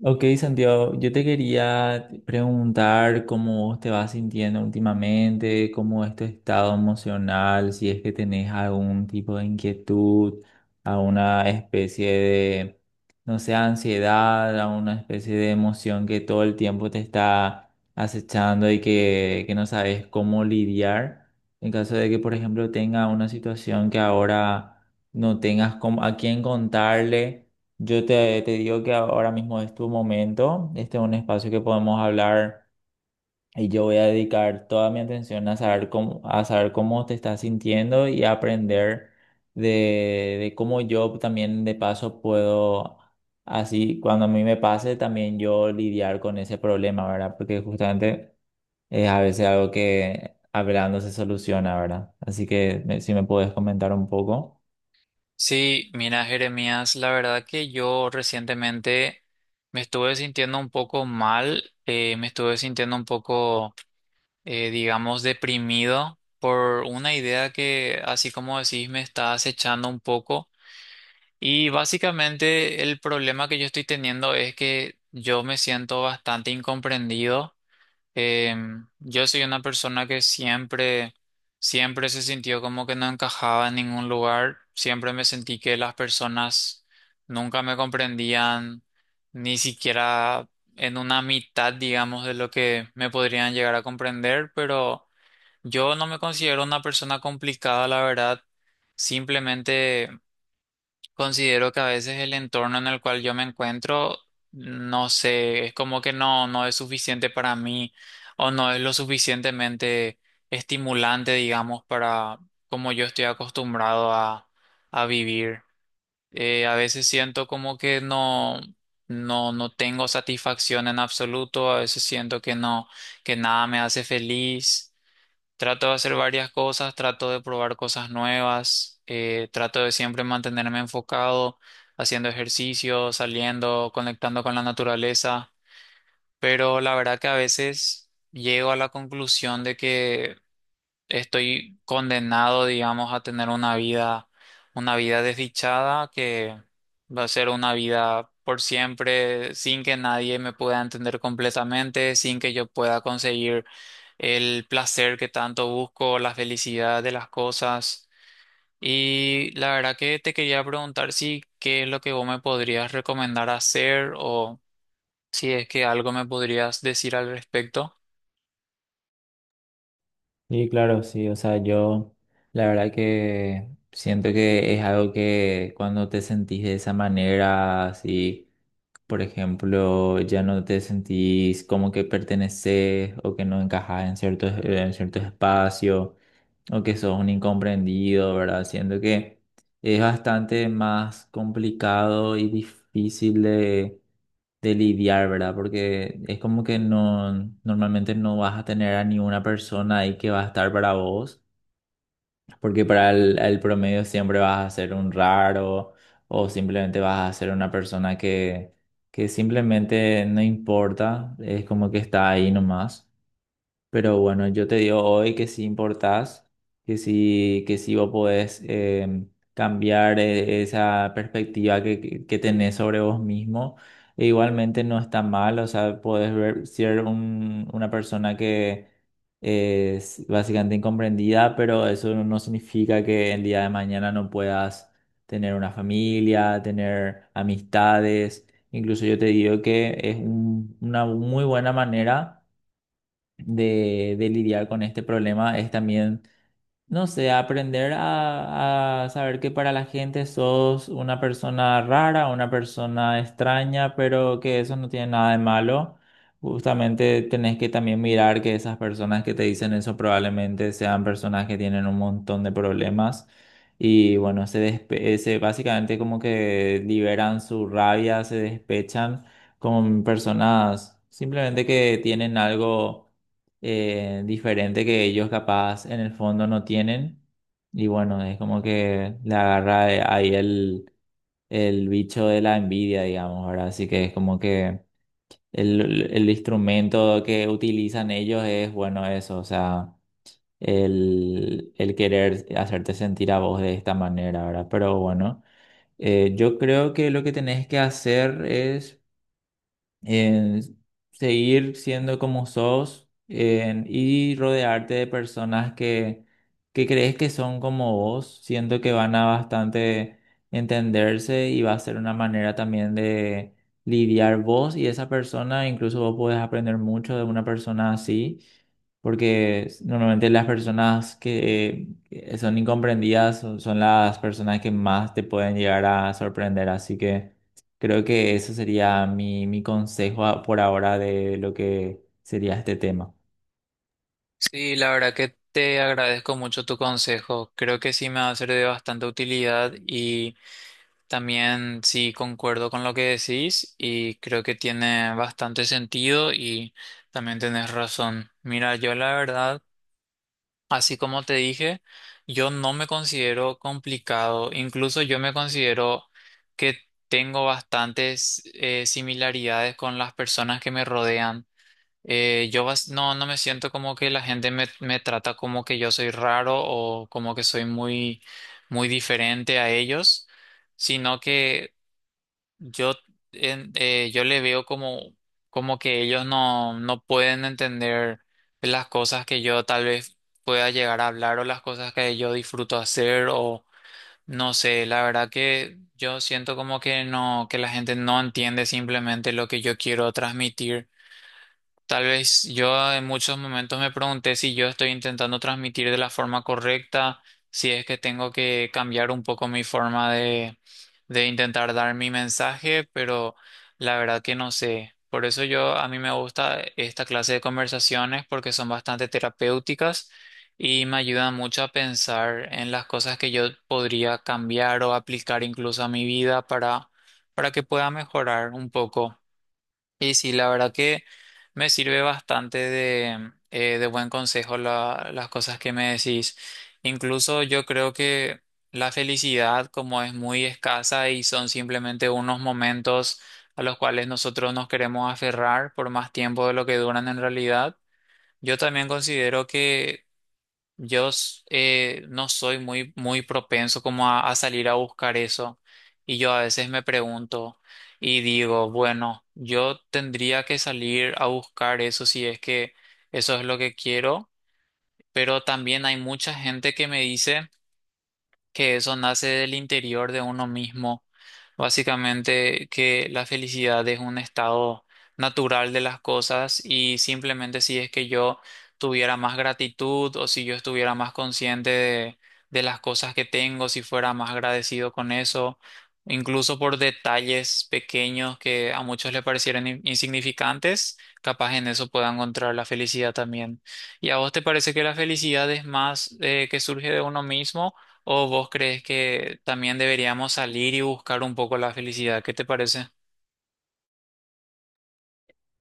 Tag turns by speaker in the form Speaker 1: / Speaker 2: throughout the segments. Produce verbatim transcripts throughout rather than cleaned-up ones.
Speaker 1: Ok, Santiago, yo te quería preguntar cómo te vas sintiendo últimamente, cómo es tu estado emocional, si es que tenés algún tipo de inquietud, alguna especie de, no sé, ansiedad, alguna especie de emoción que todo el tiempo te está acechando y que, que no sabes cómo lidiar. En caso de que, por ejemplo, tenga una situación que ahora no tengas cómo- a quién contarle. Yo te, te digo que ahora mismo es tu momento, este es un espacio que podemos hablar y yo voy a dedicar toda mi atención a saber cómo, a saber cómo te estás sintiendo y a aprender de, de cómo yo también de paso puedo, así cuando a mí me pase, también yo lidiar con ese problema, ¿verdad? Porque justamente es a veces algo que hablando se soluciona, ¿verdad? Así que me- si me puedes comentar un poco.
Speaker 2: Sí, mira, Jeremías, la verdad que yo recientemente me estuve sintiendo un poco mal, eh, me estuve sintiendo un poco, eh, digamos, deprimido por una idea que, así como decís, me está acechando un poco. Y básicamente el problema que yo estoy teniendo es que yo me siento bastante incomprendido. Em, yo soy una persona que siempre, siempre se sintió como que no encajaba en ningún lugar. Siempre me sentí que las personas nunca me comprendían, ni siquiera en una mitad, digamos, de lo que me podrían llegar a comprender. Pero yo no me considero una persona complicada, la verdad. Simplemente. Considero que a veces el entorno en el cual yo me encuentro, no sé, es como que no, no es suficiente para mí o no es lo suficientemente estimulante, digamos, para como yo estoy acostumbrado a, a vivir. Eh, a veces siento como que no, no, no tengo satisfacción en absoluto, a veces siento que no, que nada me hace feliz. Trato de hacer varias cosas, trato de probar cosas nuevas, eh, trato de siempre mantenerme enfocado, haciendo ejercicio, saliendo, conectando con la naturaleza, pero la verdad que a veces llego a la conclusión de que estoy condenado, digamos, a tener una vida, una vida desdichada que va a ser una vida por siempre, sin que nadie me pueda entender completamente, sin que yo pueda conseguir el placer que tanto busco, la felicidad de las cosas. Y la verdad que te quería preguntar si qué es lo que vos me podrías recomendar hacer o si es que algo me podrías decir al respecto.
Speaker 1: Y claro, sí, o sea, yo la verdad que siento que es algo que cuando te sentís de esa manera, si por ejemplo ya no te sentís como que perteneces o que no encajas en ciertos, en ciertos espacios o que sos un incomprendido, ¿verdad? Siento que es bastante más complicado y difícil de lidiar, ¿verdad? Porque es como que no, normalmente no vas a tener a ni una persona ahí que va a estar para vos, porque para el, el promedio siempre vas a ser un raro o simplemente vas a ser una persona que, que simplemente no importa, es como que está ahí nomás. Pero bueno, yo te digo hoy que si importás, que si que si vos podés em, cambiar eh, esa perspectiva que, que que tenés sobre vos mismo. E igualmente no está mal, o sea, podés ver, ser un- una persona que es básicamente incomprendida, pero eso no no significa que el día de mañana no puedas tener una familia, tener amistades. Incluso yo te digo que es un- una muy buena manera de, de lidiar con este problema es también, no sé, aprender a, a saber que para la gente sos una persona rara, una persona extraña, pero que eso no tiene nada de malo. Justamente tenés que también mirar que esas personas que te dicen eso probablemente sean personas que tienen un montón de problemas. Y bueno, se, despe- eh, se básicamente como que liberan su rabia, se despechan con personas simplemente que tienen algo eh, diferente que ellos capaz en el fondo no tienen. Y bueno, es como que le agarra eh, ahí el, el bicho de la envidia, digamos, ¿verdad? Así que es como que el, el instrumento que utilizan ellos es, bueno, eso, o sea, el, el querer hacerte sentir a vos de esta manera, ¿verdad? Pero bueno, eh, yo creo que lo que tenés que hacer es eh, seguir siendo como sos eh, y rodearte de personas que, que crees que son como vos, siento que van a bastante entenderse y va a ser una manera también de lidiar vos y esa persona, incluso vos podés aprender mucho de una persona así. Porque s- normalmente las personas que eh, son incomprendidas son, son las personas que más te pueden llegar a sorprender. Así que creo que eso sería mi, mi consejo a- por ahora de lo que sería este tema.
Speaker 2: Sí, la verdad que te agradezco mucho tu consejo. Creo que sí me va a ser de bastante utilidad y también sí concuerdo con lo que decís y creo que tiene bastante sentido y también tenés razón. Mira, yo la verdad, así como te dije, yo no me considero complicado. Incluso yo me considero que tengo bastantes eh, similaridades con las personas que me rodean. Eh, yo bas- no, no me siento como que la gente me, me trata como que yo soy raro o como que soy muy, muy diferente a ellos, sino que yo, en- eh, yo le veo como, como que ellos no, no pueden entender las cosas que yo tal vez pueda llegar a hablar o las cosas que yo disfruto hacer o no sé, la verdad que yo siento como que no, que la gente no entiende simplemente lo que yo quiero transmitir. Tal vez yo en muchos momentos me pregunté si yo estoy intentando transmitir de la forma correcta, si es que tengo que cambiar un poco mi forma de, de intentar dar mi mensaje, pero la verdad que no sé. Por eso yo a mí me gusta esta clase de conversaciones porque son bastante terapéuticas y me ayudan mucho a pensar en las cosas que yo podría cambiar o aplicar incluso a mi vida para, para que pueda mejorar un poco. Y sí, la verdad que me sirve bastante de, eh, de buen consejo la- las cosas que me decís. Incluso yo creo que la felicidad, como es muy escasa y son simplemente unos momentos a los cuales nosotros nos queremos aferrar por más tiempo de lo que duran en realidad, yo también considero que yo s- eh, no soy muy, muy propenso como a, a salir a buscar eso. Y yo a veces me pregunto y digo, bueno, yo tendría que salir a buscar eso si es que eso es lo que quiero. Pero también hay mucha gente que me dice que eso nace del interior de uno mismo, básicamente que la felicidad es un estado natural de las cosas y simplemente si es que yo tuviera más gratitud o si yo estuviera más consciente de, de las cosas que tengo, si fuera más agradecido con eso, incluso por detalles pequeños que a muchos le parecieran in- insignificantes, capaz en eso pueda encontrar la felicidad también. ¿Y a vos te parece que la felicidad es más eh, que surge de uno mismo? ¿O vos crees que también deberíamos salir y buscar un poco la felicidad? ¿Qué te parece?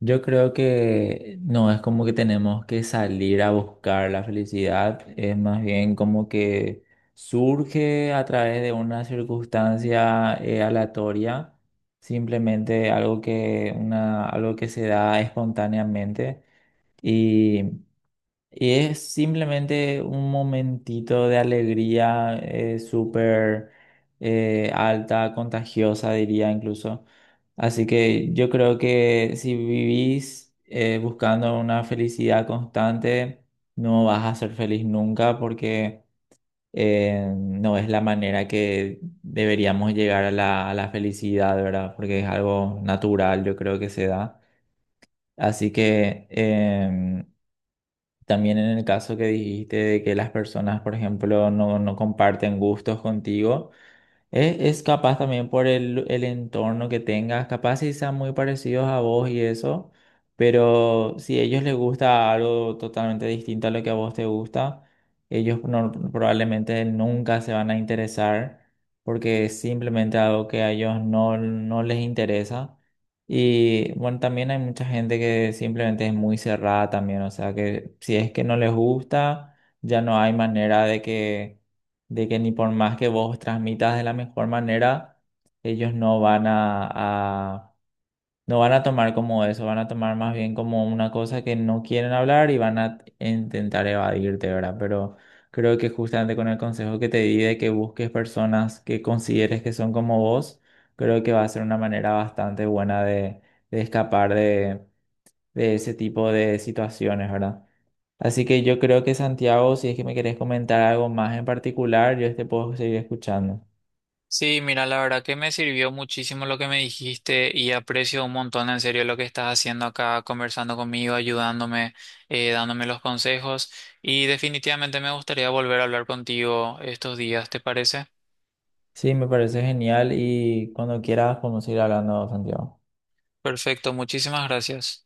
Speaker 1: Yo creo que no es como que tenemos que salir a buscar la felicidad, es más bien como que surge a través de una circunstancia eh, aleatoria, simplemente algo que, una, algo que se da espontáneamente y Y es simplemente un momentito de alegría eh, súper eh, alta, contagiosa, diría incluso. Así que yo creo que si vivís eh, buscando una felicidad constante, no vas a ser feliz nunca porque eh, no es la manera que deberíamos llegar a la, a la felicidad, ¿verdad? Porque es algo natural, yo creo que se da. Así que em, también en el caso que dijiste de que las personas, por ejemplo, no, no comparten gustos contigo, e- es, capaz también por el, el entorno que tengas, capaz si sean muy parecidos a vos y eso, pero si a ellos les gusta algo totalmente distinto a lo que a vos te gusta, ellos no- probablemente nunca se van a interesar porque es simplemente algo que a ellos no, no les interesa. Y bueno, también hay mucha gente que simplemente es muy cerrada también, o sea que si es que no les gusta, ya no hay manera de que de que ni por más que vos transmitas de la mejor manera, ellos no van a, a- no van a tomar como eso, van a tomar más bien como una cosa que no quieren hablar y van a intentar evadirte, ¿verdad? Pero creo que justamente con el consejo que te di de que busques personas que consideres que son como vos, creo que va a ser una manera bastante buena de, de escapar de, de ese tipo de situaciones, ¿verdad? Así que yo creo que Santiago, si es que me querés comentar algo más en particular, yo te puedo seguir escuchando.
Speaker 2: Sí, mira, la verdad que me sirvió muchísimo lo que me dijiste y aprecio un montón en serio lo que estás haciendo acá, conversando conmigo, ayudándome, eh, dándome los consejos y definitivamente me gustaría volver a hablar contigo estos días, ¿te parece?
Speaker 1: Sí, me parece genial y cuando quieras podemos ir hablando, Santiago.
Speaker 2: Perfecto, muchísimas gracias.